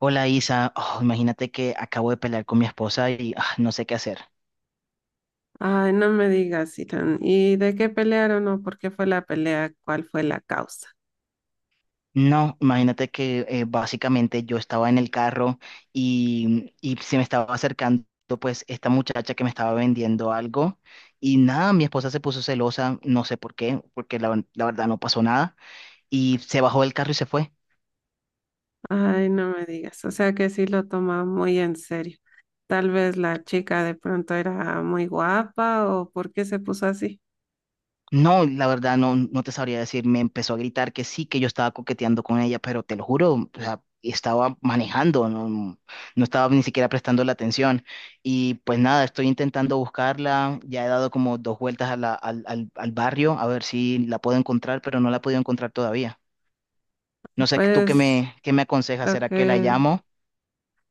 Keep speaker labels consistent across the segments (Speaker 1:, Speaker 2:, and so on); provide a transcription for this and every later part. Speaker 1: Hola Isa. Oh, imagínate que acabo de pelear con mi esposa y no sé qué hacer.
Speaker 2: Ay, no me digas, Ethan. ¿Y de qué pelearon o por qué fue la pelea? ¿Cuál fue la causa?
Speaker 1: No, imagínate que básicamente yo estaba en el carro y se me estaba acercando pues esta muchacha que me estaba vendiendo algo. Y nada, mi esposa se puso celosa, no sé por qué, porque la verdad no pasó nada y se bajó del carro y se fue.
Speaker 2: Ay, no me digas. O sea que sí lo toma muy en serio. Tal vez la chica de pronto era muy guapa o por qué se puso así.
Speaker 1: No, la verdad no, no te sabría decir. Me empezó a gritar que sí, que yo estaba coqueteando con ella, pero te lo juro, o sea, estaba manejando, no, no estaba ni siquiera prestando la atención. Y pues nada, estoy intentando buscarla, ya he dado como dos vueltas a al barrio a ver si la puedo encontrar, pero no la he podido encontrar todavía. No sé, ¿tú qué
Speaker 2: Pues
Speaker 1: me, qué me aconsejas?
Speaker 2: lo
Speaker 1: ¿Será que la
Speaker 2: que
Speaker 1: llamo?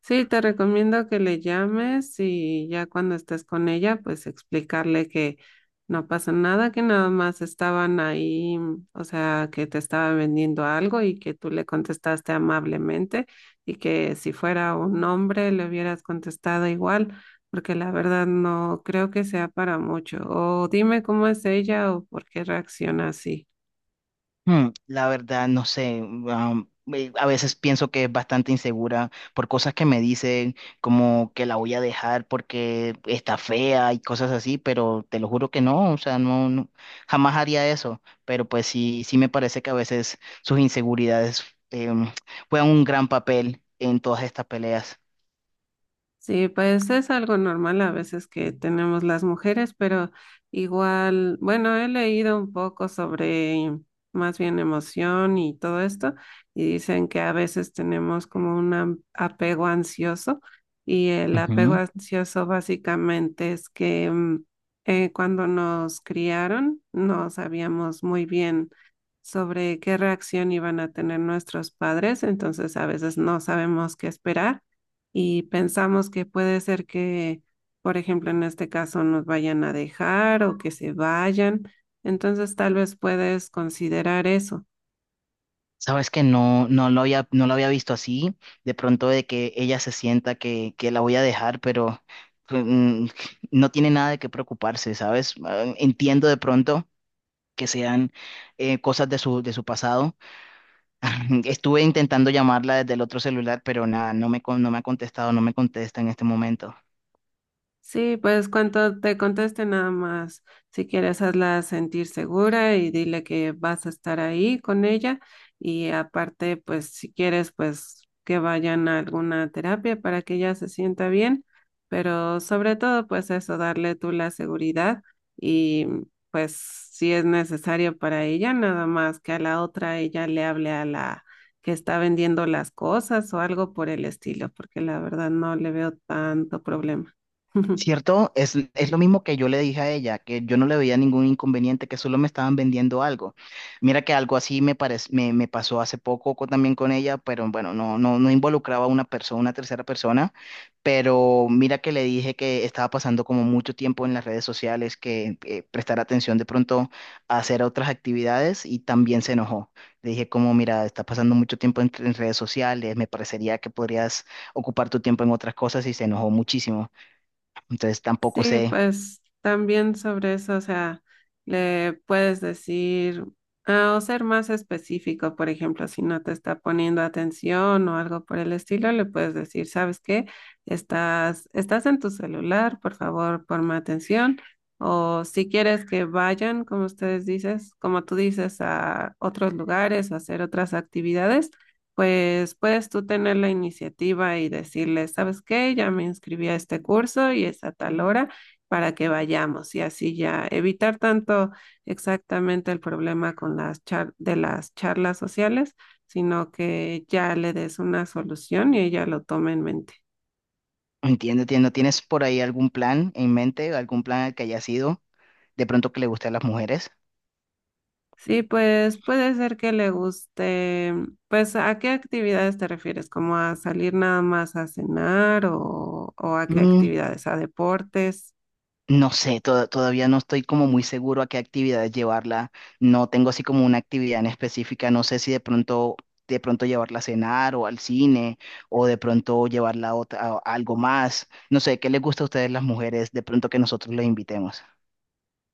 Speaker 2: Sí, te recomiendo que le llames y ya cuando estés con ella, pues explicarle que no pasa nada, que nada más estaban ahí, o sea, que te estaba vendiendo algo y que tú le contestaste amablemente y que si fuera un hombre le hubieras contestado igual, porque la verdad no creo que sea para mucho. O dime cómo es ella o por qué reacciona así.
Speaker 1: Hmm, la verdad, no sé. A veces pienso que es bastante insegura por cosas que me dicen, como que la voy a dejar porque está fea y cosas así, pero te lo juro que no, o sea, jamás haría eso. Pero pues sí, sí me parece que a veces sus inseguridades em, juegan un gran papel en todas estas peleas.
Speaker 2: Sí, pues es algo normal a veces que tenemos las mujeres, pero igual, bueno, he leído un poco sobre más bien emoción y todo esto, y dicen que a veces tenemos como un apego ansioso, y el apego ansioso básicamente es que cuando nos criaron no sabíamos muy bien sobre qué reacción iban a tener nuestros padres, entonces a veces no sabemos qué esperar y pensamos que puede ser que, por ejemplo, en este caso nos vayan a dejar o que se vayan. Entonces, tal vez puedes considerar eso.
Speaker 1: Sabes que no, no lo había visto así, de pronto de que ella se sienta que la voy a dejar, pero pues, no tiene nada de qué preocuparse, ¿sabes? Ah, entiendo de pronto que sean cosas de de su pasado. Estuve intentando llamarla desde el otro celular, pero nada, no me ha contestado, no me contesta en este momento.
Speaker 2: Sí, pues cuando te conteste nada más, si quieres hazla sentir segura y dile que vas a estar ahí con ella y aparte, pues si quieres, pues que vayan a alguna terapia para que ella se sienta bien, pero sobre todo, pues eso, darle tú la seguridad y pues si es necesario para ella, nada más que a la otra ella le hable a la que está vendiendo las cosas o algo por el estilo, porque la verdad no le veo tanto problema.
Speaker 1: ¿Cierto? Es lo mismo que yo le dije a ella, que yo no le veía ningún inconveniente, que solo me estaban vendiendo algo. Mira que algo así me pasó hace poco también con ella, pero bueno, no involucraba a una tercera persona, pero mira que le dije que estaba pasando como mucho tiempo en las redes sociales, que prestar atención de pronto a hacer otras actividades, y también se enojó. Le dije como, mira, estás pasando mucho tiempo en redes sociales, me parecería que podrías ocupar tu tiempo en otras cosas, y se enojó muchísimo. Entonces tampoco
Speaker 2: Sí,
Speaker 1: sé,
Speaker 2: pues también sobre eso, o sea, le puedes decir ah, o ser más específico, por ejemplo, si no te está poniendo atención o algo por el estilo, le puedes decir, ¿sabes qué? Estás en tu celular, por favor, ponme atención. O si quieres que vayan, como ustedes dices, como tú dices, a otros lugares, a hacer otras actividades pues puedes tú tener la iniciativa y decirle, ¿sabes qué? Ya me inscribí a este curso y es a tal hora para que vayamos y así ya evitar tanto exactamente el problema con las de las charlas sociales, sino que ya le des una solución y ella lo tome en mente.
Speaker 1: entiendo, ¿no tienes por ahí algún plan en mente, algún plan al que haya sido de pronto que le guste a las mujeres?
Speaker 2: Sí, pues puede ser que le guste. Pues, ¿a qué actividades te refieres? ¿Como a salir nada más a cenar o a qué
Speaker 1: Mm,
Speaker 2: actividades? ¿A deportes?
Speaker 1: no sé, todavía no estoy como muy seguro a qué actividad llevarla. No tengo así como una actividad en específica. No sé si de pronto, de pronto llevarla a cenar o al cine o de pronto llevarla a algo más. No sé, ¿qué les gusta a ustedes las mujeres de pronto que nosotros les invitemos?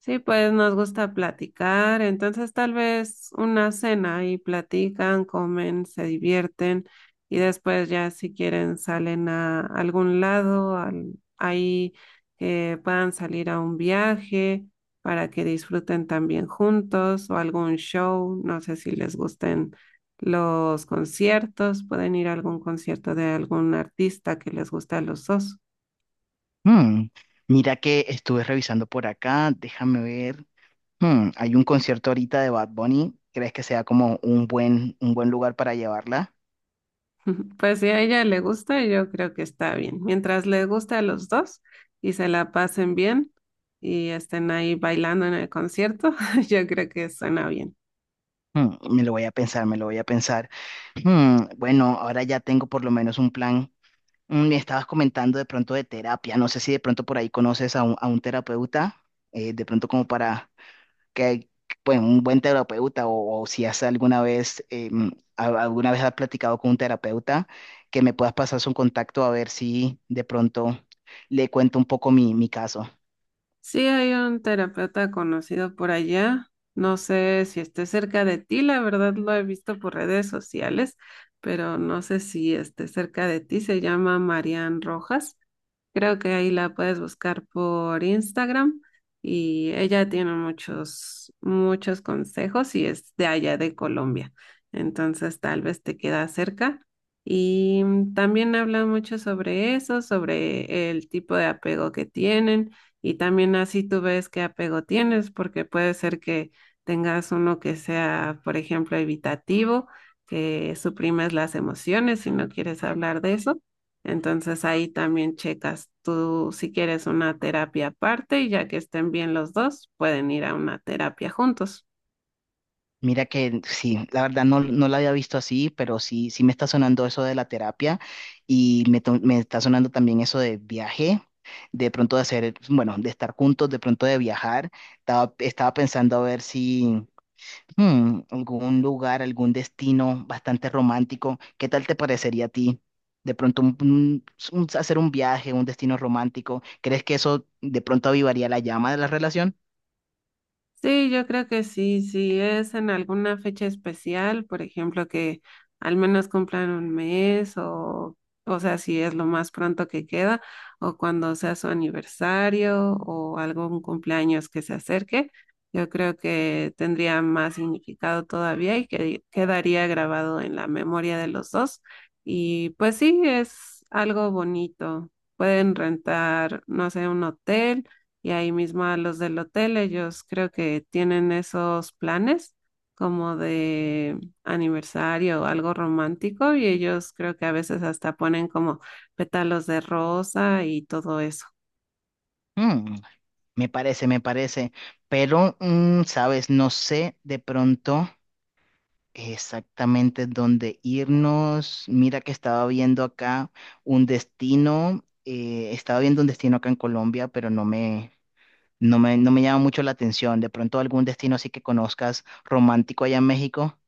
Speaker 2: Sí, pues nos gusta platicar, entonces tal vez una cena y platican, comen, se divierten y después ya si quieren salen a algún lado, ahí que puedan salir a un viaje para que disfruten también juntos o algún show, no sé si les gusten los conciertos, pueden ir a algún concierto de algún artista que les guste a los dos.
Speaker 1: Mm, mira que estuve revisando por acá, déjame ver. Hmm, hay un concierto ahorita de Bad Bunny. ¿Crees que sea como un un buen lugar para llevarla?
Speaker 2: Pues si a ella le gusta, yo creo que está bien. Mientras le guste a los dos y se la pasen bien y estén ahí bailando en el concierto, yo creo que suena bien.
Speaker 1: Hmm, me lo voy a pensar, me lo voy a pensar. Hmm, bueno, ahora ya tengo por lo menos un plan. Mm, me estabas comentando de pronto de terapia. No sé si de pronto por ahí conoces a a un terapeuta, de pronto como para que, bueno, un buen terapeuta, o si has alguna vez, alguna vez has platicado con un terapeuta, que me puedas pasar su contacto a ver si de pronto le cuento un poco mi caso.
Speaker 2: Sí, hay un terapeuta conocido por allá. No sé si esté cerca de ti, la verdad lo he visto por redes sociales, pero no sé si esté cerca de ti. Se llama Marian Rojas. Creo que ahí la puedes buscar por Instagram y ella tiene muchos, muchos consejos y es de allá de Colombia. Entonces tal vez te queda cerca. Y también habla mucho sobre eso, sobre el tipo de apego que tienen y también así tú ves qué apego tienes, porque puede ser que tengas uno que sea, por ejemplo, evitativo, que suprimes las emociones y no quieres hablar de eso. Entonces ahí también checas tú si quieres una terapia aparte y ya que estén bien los dos, pueden ir a una terapia juntos.
Speaker 1: Mira que sí, la verdad no, no la había visto así, pero sí, sí me está sonando eso de la terapia. Y me está sonando también eso de viaje, de pronto de hacer, bueno, de estar juntos, de pronto de viajar. Estaba pensando a ver si hmm, algún lugar, algún destino bastante romántico, ¿qué tal te parecería a ti? De pronto hacer un viaje, un destino romántico, ¿crees que eso de pronto avivaría la llama de la relación?
Speaker 2: Sí, yo creo que sí, si es en alguna fecha especial, por ejemplo, que al menos cumplan un mes o sea, si es lo más pronto que queda o cuando sea su aniversario o algún cumpleaños que se acerque, yo creo que tendría más significado todavía y que quedaría grabado en la memoria de los dos. Y pues sí, es algo bonito. Pueden rentar, no sé, un hotel y ahí mismo a los del hotel, ellos creo que tienen esos planes como de aniversario o algo romántico y ellos creo que a veces hasta ponen como pétalos de rosa y todo eso.
Speaker 1: Hmm. Me parece, pero, mm, sabes, no sé de pronto exactamente dónde irnos. Mira que estaba viendo acá un destino, estaba viendo un destino acá en Colombia, pero no me llama mucho la atención. De pronto algún destino así que conozcas romántico allá en México.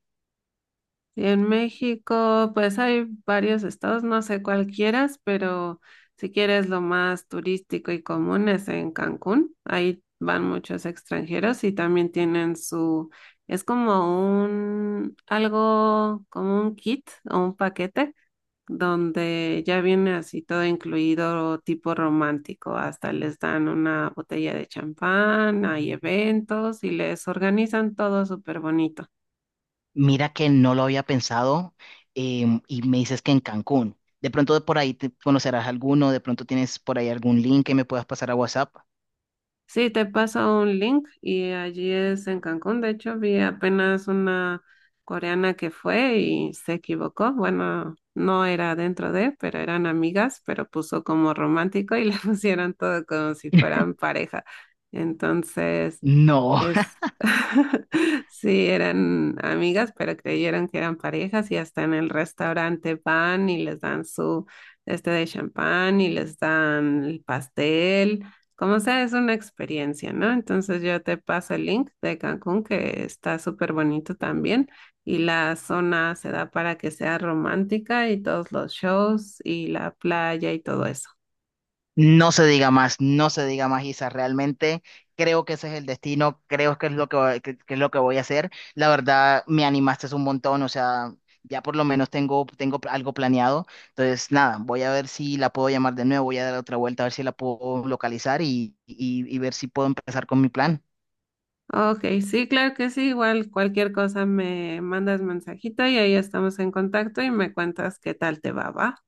Speaker 2: Y en México, pues hay varios estados, no sé cuál quieras, pero si quieres lo más turístico y común es en Cancún. Ahí van muchos extranjeros y también tienen su, es como un, algo, como un kit o un paquete donde ya viene así todo incluido tipo romántico. Hasta les dan una botella de champán, hay eventos y les organizan todo súper bonito.
Speaker 1: Mira que no lo había pensado, y me dices que en Cancún. De pronto de por ahí te conocerás alguno, de pronto tienes por ahí algún link que me puedas pasar a WhatsApp.
Speaker 2: Sí, te paso un link y allí es en Cancún. De hecho, vi apenas una coreana que fue y se equivocó. Bueno, no era dentro de, pero eran amigas, pero puso como romántico y le pusieron todo como si fueran pareja. Entonces,
Speaker 1: No.
Speaker 2: es, sí, eran amigas, pero creyeron que eran parejas y hasta en el restaurante van y les dan su este de champán y les dan el pastel. Como sea, es una experiencia, ¿no? Entonces yo te paso el link de Cancún, que está súper bonito también, y la zona se da para que sea romántica y todos los shows y la playa y todo eso.
Speaker 1: No se diga más, no se diga más, Isa. Realmente creo que ese es el destino, creo que es lo que, que es lo que voy a hacer. La verdad, me animaste un montón, o sea, ya por lo menos tengo algo planeado. Entonces, nada, voy a ver si la puedo llamar de nuevo, voy a dar otra vuelta a ver si la puedo localizar y, y ver si puedo empezar con mi plan.
Speaker 2: Ok, sí, claro que sí, igual cualquier cosa me mandas mensajito y ahí estamos en contacto y me cuentas qué tal te va, ¿va?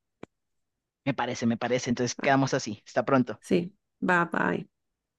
Speaker 1: Me parece, me parece. Entonces,
Speaker 2: Ah,
Speaker 1: quedamos así. Hasta pronto.
Speaker 2: sí, bye bye.